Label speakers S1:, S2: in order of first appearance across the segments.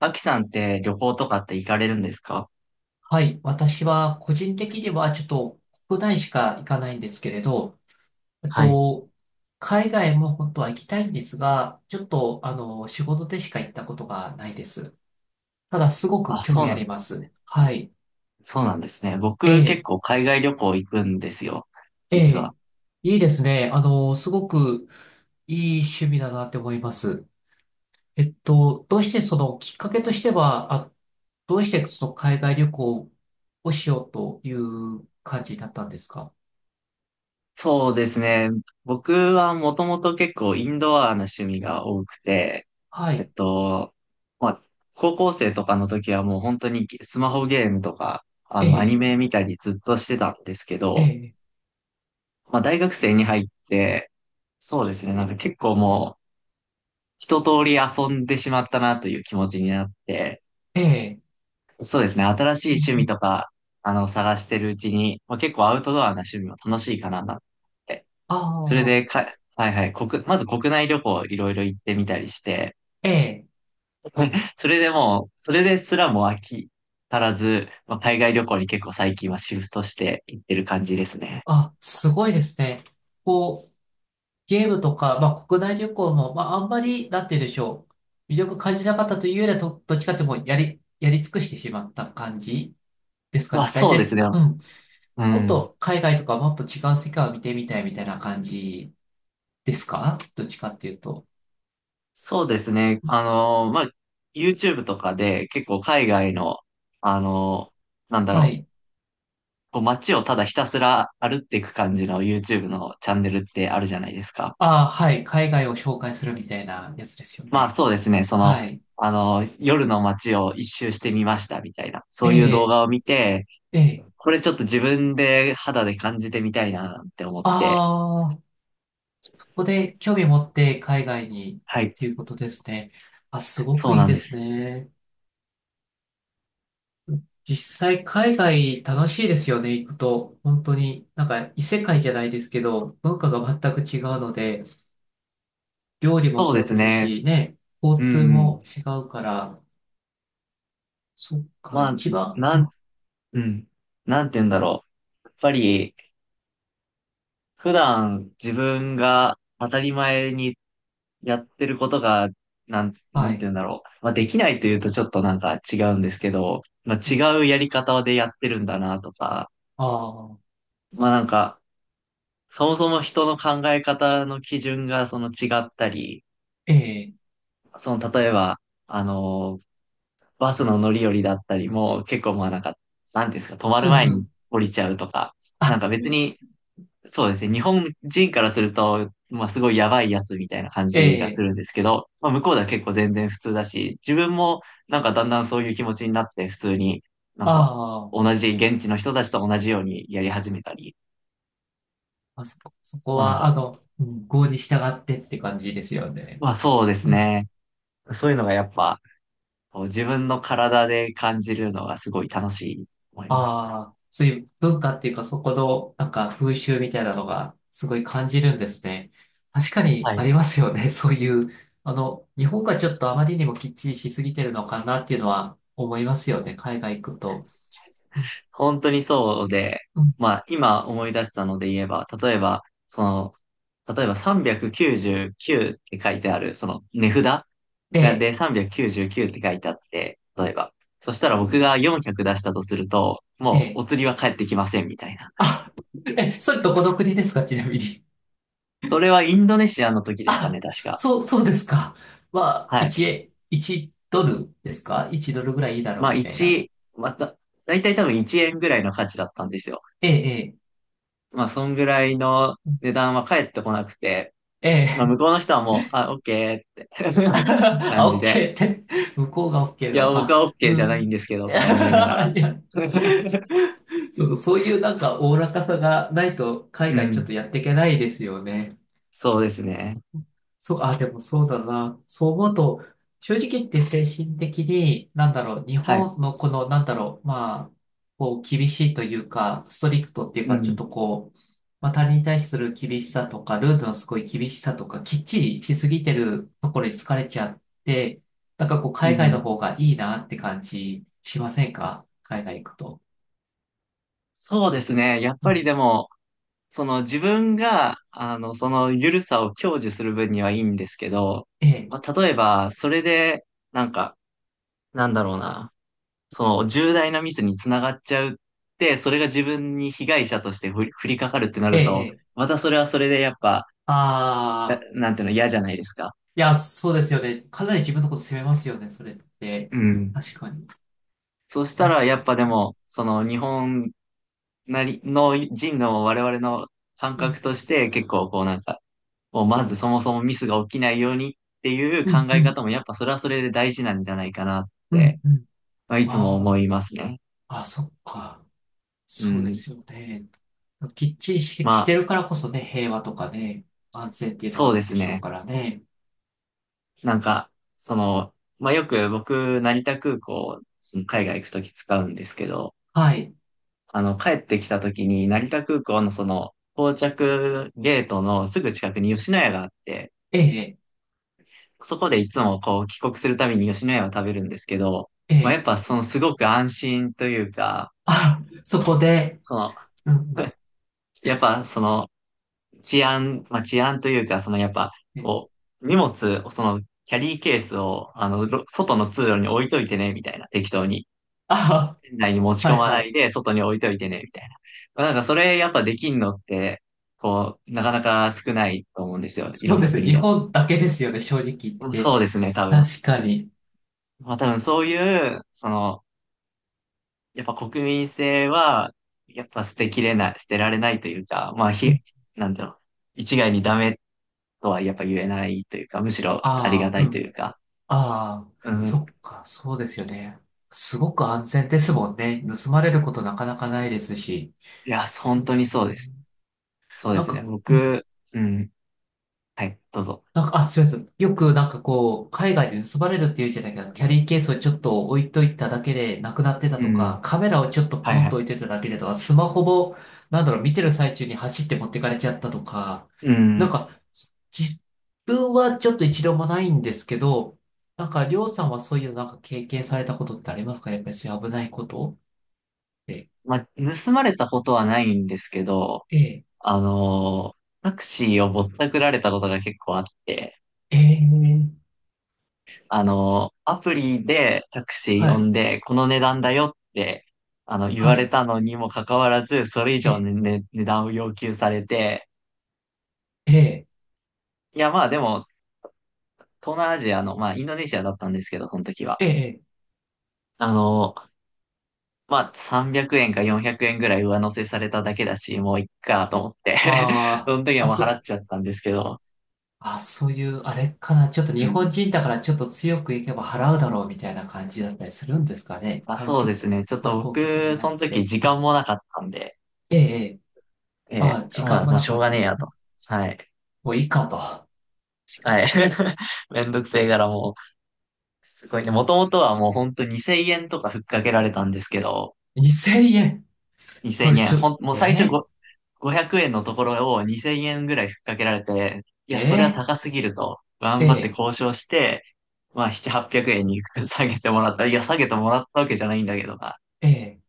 S1: アキさんって旅行とかって行かれるんですか？
S2: はい。私は個人的にはちょっと国内しか行かないんですけれど、えっ
S1: はい。
S2: と、海外も本当は行きたいんですが、ちょっと仕事でしか行ったことがないです。ただ、すごく
S1: あ、
S2: 興
S1: そう
S2: 味あ
S1: なん
S2: り
S1: で
S2: ま
S1: す。
S2: す。はい。
S1: そうなんですね。
S2: え
S1: 僕結
S2: え、
S1: 構海外旅行行くんですよ、
S2: え
S1: 実は。
S2: え、いいですね。すごくいい趣味だなって思います。えっと、どうしてそのきっかけとしては、あ、どうしてその海外旅行をしようという感じだったんですか？
S1: そうですね。僕はもともと結構インドアな趣味が多くて、
S2: は
S1: えっ
S2: い。
S1: と、まあ、高校生とかの時はもう本当にスマホゲームとか、アニ
S2: ええ
S1: メ見たりずっとしてたんですけ
S2: え
S1: ど、
S2: え、
S1: まあ、大学生に入って、そうですね。なんか結構もう一通り遊んでしまったなという気持ちになって、
S2: ええ、
S1: そうですね。新しい趣味とか、探してるうちに、まあ、結構アウトドアな趣味も楽しいかななって。それ
S2: ああ
S1: でか、はいはい、まず国内旅行いろいろ行ってみたりして、
S2: ー、ええ、
S1: それでもう、それですらも飽き足らず、まあ、海外旅行に結構最近はシフトして行ってる感じですね。
S2: あ、すごいですね。こう、ゲームとか、まあ、国内旅行も、まあ、あんまり、なんて言うんでしょう。魅力感じなかったというよりは、どっちかってもうやり尽くしてしまった感じですか
S1: まあ
S2: ね。大
S1: そうです
S2: 体、
S1: ね。
S2: うん。
S1: う
S2: もっ
S1: ん。
S2: と海外とかもっと違う世界を見てみたいみたいな感じですか、どっちかっていうと？
S1: そうですね。まあ、YouTube とかで結構海外の、あの、なんだ
S2: は
S1: ろ
S2: い。
S1: う、こう街をただひたすら歩っていく感じの YouTube のチャンネルってあるじゃないですか。
S2: ああ、はい。海外を紹介するみたいなやつですよ
S1: まあ
S2: ね。
S1: そうですね、
S2: はい。
S1: 夜の街を一周してみましたみたいな、
S2: え
S1: そういう動
S2: え、
S1: 画を見て、
S2: ええ。
S1: これちょっと自分で肌で感じてみたいななんて思って、
S2: ああ。ここで興味持って海外にっ
S1: はい、
S2: ていうことですね。あ、すご
S1: そ
S2: く
S1: う
S2: いい
S1: なん
S2: で
S1: で
S2: す
S1: す。
S2: ね。実際海外楽しいですよね、行くと。本当に、なんか異世界じゃないですけど、文化が全く違うので、料理も
S1: そうで
S2: そう
S1: す
S2: です
S1: ね、
S2: し、ね、
S1: う
S2: 交
S1: ん
S2: 通
S1: うん。
S2: も違うから、そっか、
S1: まあ、
S2: 一番、
S1: なん、
S2: あ、
S1: うん、なんて言うんだろう。やっぱり、普段自分が当たり前にやってることが、な
S2: は
S1: んて
S2: い、
S1: 言うんだろう。まあ、できないというとちょっとなんか違うんですけど、まあ、
S2: え、
S1: 違うやり方でやってるんだなとか、
S2: ああ、
S1: まあなんか、そもそも人の考え方の基準がその違ったり、
S2: ええ、
S1: その例えば、あの、バスの乗り降りだったりも結構まあなんか、なんていうんですか、止まる
S2: うん
S1: 前
S2: う
S1: に
S2: ん、
S1: 降りちゃうとか、
S2: あ、
S1: なんか別にそうですね。日本人からすると、まあすごいやばいやつみたいな感
S2: え
S1: じがす
S2: え、
S1: るんですけど、まあ向こうでは結構全然普通だし、自分もなんかだんだんそういう気持ちになって普通になんか
S2: ああ、
S1: 同じ現地の人たちと同じようにやり始めたり、
S2: そこ
S1: まあなん
S2: は、
S1: か、
S2: うん、郷に従ってって感じですよね。
S1: まあそうです
S2: うん、
S1: ね。そういうのがやっぱこう自分の体で感じるのがすごい楽しいと思います。
S2: ああ、そういう文化っていうか、そこの、なんか風習みたいなのが、すごい感じるんですね。確かに
S1: は
S2: あ
S1: い、
S2: りますよね。そういう、日本がちょっとあまりにもきっちりしすぎてるのかなっていうのは思いますよね。海外行くと。うん
S1: 本当にそうで、
S2: うん、
S1: まあ今思い出したので言えば、例えば、その、399って書いてある、その値札
S2: え
S1: が
S2: え、
S1: で399って書いてあって、例えば。そしたら僕が400出したとすると、
S2: え
S1: もう
S2: え。
S1: お釣りは返ってきませんみたいな。
S2: あ、え、それどこの国ですか、ちなみに？
S1: それはインドネシアの時でしたね、
S2: あ、
S1: 確か。
S2: そう、そうですか。まあ、
S1: はい。
S2: 1ドルですか？ 1 ドルぐらいいいだろ
S1: ま
S2: う
S1: あ
S2: みたいな。
S1: 1、また、だいたい多分1円ぐらいの価値だったんですよ。
S2: ええ、
S1: まあそんぐらいの値段は返ってこなくて、
S2: ええ、え
S1: まあ、向
S2: え。
S1: こうの人はもう、あ、オッケーって 感
S2: あ、
S1: じ
S2: オッ
S1: で。
S2: ケーって。向こうがオッケー
S1: い
S2: な
S1: や、
S2: の。
S1: 僕
S2: あ、
S1: はオッケーじ
S2: う
S1: ゃないん
S2: ん。
S1: ですけ
S2: い
S1: ど、とか思いなが
S2: や、
S1: ら。
S2: いや、 そう、そういうなんかおおらかさがないと海
S1: う
S2: 外ちょっ
S1: ん。
S2: とやっていけないですよね。
S1: そうですね。
S2: そう、あ、でもそうだな。そう思うと、正直言って精神的に、なんだろう、日
S1: はい。
S2: 本のこの、なんだろう、まあ、こう、厳しいというか、ストリクトっていう
S1: う
S2: か、ちょっ
S1: ん。
S2: とこう、まあ、他人に対する厳しさとか、ルールのすごい厳しさとか、きっちりしすぎてるところに疲れちゃって、なんかこう、
S1: う
S2: 海外
S1: ん。
S2: の方がいいなって感じしませんか、海外行くと？
S1: そうですね。やっ
S2: う
S1: ぱり
S2: ん。
S1: でも、その自分が、その緩さを享受する分にはいいんですけど、
S2: ええ、
S1: まあ、例えば、それで、なんか、なんだろうな、その重大なミスにつながっちゃうって、それが自分に被害者として降りかかるってな
S2: ええ、
S1: る
S2: え
S1: と、
S2: え。
S1: またそれはそれでやっぱ、
S2: ああ。
S1: なんていうの、嫌じゃないですか。
S2: いや、そうですよね。かなり自分のこと責めますよね、それって。
S1: うん。
S2: 確かに。
S1: そしたら、
S2: 確
S1: や
S2: か
S1: っぱで
S2: に。
S1: も、その日本なりの人の我々の感
S2: うん、
S1: 覚として結構こうなんか、もうまずそもそもミスが起きないようにっていう
S2: うん、
S1: 考
S2: う
S1: え
S2: ん、
S1: 方もやっぱそれはそれで大事なんじゃないかなっ
S2: う
S1: て、
S2: ん。うん、
S1: まあ、いつも
S2: あ
S1: 思いますね。
S2: あ、あ、そっか。
S1: う
S2: そうで
S1: ん。
S2: すよね。きっちりし、
S1: ま
S2: して
S1: あ、
S2: るからこそね、平和とかね、安全っていうのが
S1: そ
S2: あ
S1: う
S2: る
S1: で
S2: ん
S1: す
S2: でしょう
S1: ね。
S2: からね。
S1: なんか、その、まあよく僕、成田空港、その海外行くとき使うんですけど、
S2: はい。
S1: 帰ってきた時に、成田空港のその、到着ゲートのすぐ近くに吉野家があって、
S2: ええ、
S1: そこでいつもこう、帰国するたびに吉野家を食べるんですけど、
S2: え
S1: まあ、やっ
S2: え。
S1: ぱそのすごく安心というか、
S2: あ、そこで、
S1: その、
S2: うん、うん、
S1: やっぱその、治安というか、そのやっぱ、
S2: ええ、
S1: こう、荷物、その、キャリーケースを、ろ外の通路に置いといてね、みたいな、適当に。
S2: あ、
S1: 店内に持ち
S2: は
S1: 込
S2: い、
S1: ま
S2: は
S1: ない
S2: い。
S1: で、外に置いといてね、みたいな。まあ、なんかそれやっぱできんのって、こう、なかなか少ないと思うんですよ。い
S2: そ
S1: ろ
S2: う
S1: ん
S2: で
S1: な
S2: すね。
S1: 国
S2: 日
S1: でも。
S2: 本だけですよね、正直言っ
S1: うんそ
S2: て。
S1: うですね、多分。
S2: 確かに。
S1: まあ多分そういう、やっぱ国民性は、やっぱ捨てられないというか、なんだろう。一概にダメとはやっぱ言えないというか、むしろありが
S2: ああ、
S1: た
S2: う
S1: いという
S2: ん。
S1: か。
S2: ああ、
S1: う
S2: そ
S1: ん。
S2: っか、そうですよね。すごく安全ですもんね。盗まれることなかなかないですし。
S1: いや、
S2: そ
S1: 本
S2: う
S1: 当
S2: で
S1: に
S2: す
S1: そう
S2: ね。
S1: です。そうで
S2: なん
S1: すね。
S2: か、
S1: 僕、うん。はい、どうぞ。
S2: なんか、あ、すいません。よくなんかこう、海外で盗まれるっていうじゃないけど、キャリーケースをちょっと置いといただけでなくなってた
S1: う
S2: と
S1: ん。
S2: か、カメラをちょっと
S1: は
S2: ポ
S1: いは
S2: ンと
S1: い。
S2: 置いてただけでとか、スマホも、なんだろう、見てる最中に走って持ってかれちゃったとか、
S1: う
S2: なん
S1: ん。
S2: か、自分はちょっと一度もないんですけど、なんか、りょうさんはそういうなんか経験されたことってありますか、やっぱりそういう危ないことって？
S1: まあ、盗まれたことはないんですけど、
S2: ええ、
S1: あのータクシーをぼったくられたことが結構あって、
S2: ええ、
S1: あのーアプリでタクシー
S2: は
S1: 呼
S2: い、
S1: んで、この値段だよって、言わ
S2: は
S1: れ
S2: い、
S1: たのにもかかわらず、それ以
S2: え
S1: 上
S2: え、
S1: の、ね、値段を要求されて、
S2: ええ、
S1: いや、まあでも、東南アジアの、まあ、インドネシアだったんですけど、その時は。
S2: ええ、
S1: あのーまあ、300円か400円ぐらい上乗せされただけだし、もういっかと思って
S2: ああ、
S1: その時は
S2: あ、
S1: もう払っちゃったんですけど、
S2: あ、そういう、あれかな。ちょっと
S1: う
S2: 日本
S1: ん
S2: 人だからちょっと強くいけば払うだろうみたいな感じだったりするんですかね。
S1: まあ、そうですね。ちょっと
S2: 観光客
S1: 僕、
S2: 狙
S1: そ
S2: っ
S1: の時
S2: て。
S1: 時間もなかったんで、
S2: ええ、ええ。
S1: え
S2: あ、
S1: ー
S2: 時
S1: ま
S2: 間
S1: あ、
S2: も
S1: もう
S2: な
S1: しょ
S2: か
S1: う
S2: っ
S1: がねえ
S2: た。
S1: やと。はい。
S2: もういいかと。確
S1: は
S2: か
S1: い。めんどくせえからもう、すごいね。もともとはもう本当2000円とかふっかけられたんですけど、
S2: に。2000円。
S1: 2000
S2: それ
S1: 円、
S2: ちょ、
S1: ほん、もう
S2: え
S1: 最初
S2: え、
S1: ご500円のところを2000円ぐらいふっかけられて、い
S2: え
S1: や、それは
S2: え、
S1: 高すぎると、頑
S2: え
S1: 張って
S2: え、
S1: 交渉して、まあ、7、800円に 下げてもらった。いや、下げてもらったわけじゃないんだけどな。
S2: ええ。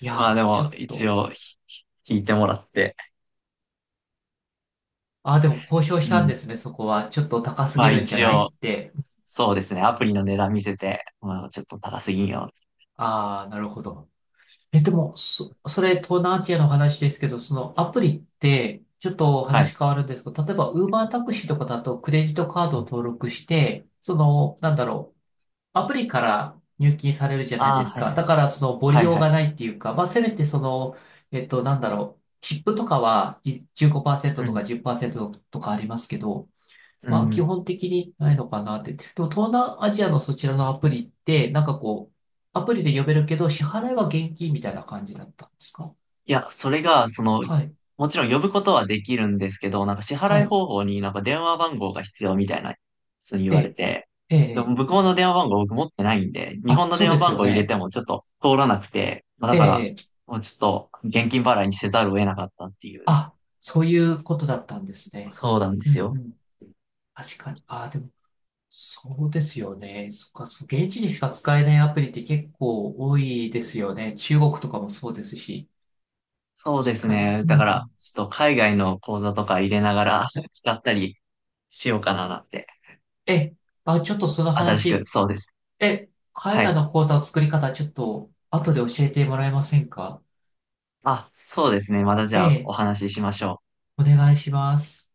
S2: い
S1: まあ、
S2: や、
S1: で
S2: ちょ
S1: も、
S2: っ
S1: 一
S2: と。
S1: 応ひ、ひ引いてもらって、
S2: あ、でも交渉
S1: う
S2: したんで
S1: ん。
S2: すね、そこは。ちょっと高す
S1: ま
S2: ぎ
S1: あ
S2: るんじゃ
S1: 一
S2: ない
S1: 応、
S2: って。
S1: そうですね。アプリの値段見せて、まあちょっと高すぎんよ。
S2: ああ、なるほど。え、でも、それ、東南アジアの話ですけど、そのアプリって、ちょっと
S1: はい。
S2: 話変わるんですけど、例えば、ウーバータクシーとかだと、クレジットカードを登録して、その、なんだろう、アプリから入金されるじゃない
S1: あ
S2: で
S1: あ、
S2: す
S1: はい
S2: か。
S1: はい。
S2: だから、その、ボリ
S1: はい
S2: 用
S1: はい。
S2: がないっていうか、まあ、せめて、その、なんだろう、チップとかは、15%
S1: う
S2: とか
S1: ん。
S2: 10%とかありますけど、
S1: う
S2: まあ、基
S1: ん。
S2: 本的にないのかなって。でも、東南アジアのそちらのアプリって、なんかこう、アプリで呼べるけど、支払いは現金みたいな感じだったんですか？
S1: いや、それが、その、
S2: はい。
S1: もちろん呼ぶことはできるんですけど、なんか支
S2: は
S1: 払い
S2: い。
S1: 方法になんか電話番号が必要みたいな、そう言
S2: え
S1: われ
S2: え、
S1: て、
S2: ええ、
S1: でも
S2: え
S1: 向
S2: え、
S1: こうの電話番号僕持ってないんで、日
S2: あ、
S1: 本の
S2: そ
S1: 電
S2: う
S1: 話
S2: です
S1: 番
S2: よ
S1: 号入れ
S2: ね。
S1: てもちょっと通らなくて、まあだ
S2: え
S1: から、
S2: え、ええ、
S1: もうちょっと現金払いにせざるを得なかったっていう、
S2: あ、そういうことだったんですね。
S1: そうなんで
S2: う
S1: す
S2: ん、う
S1: よ。
S2: ん。確かに。あ、でも、そうですよね。そっか、そう、現地でしか使えないアプリって結構多いですよね。中国とかもそうですし。
S1: そうで
S2: 確
S1: す
S2: かに。
S1: ね。
S2: うん
S1: だ
S2: う
S1: から、
S2: ん。
S1: ちょっと海外の講座とか入れながら 使ったりしようかななって。
S2: えちょっとその
S1: 新しく、
S2: 話
S1: そうです。
S2: え、海
S1: は
S2: 外
S1: い。
S2: の講座の作り方、ちょっと後で教えてもらえませんか？
S1: あ、そうですね。またじ
S2: え
S1: ゃあお
S2: え、
S1: 話ししましょう。
S2: お願いします。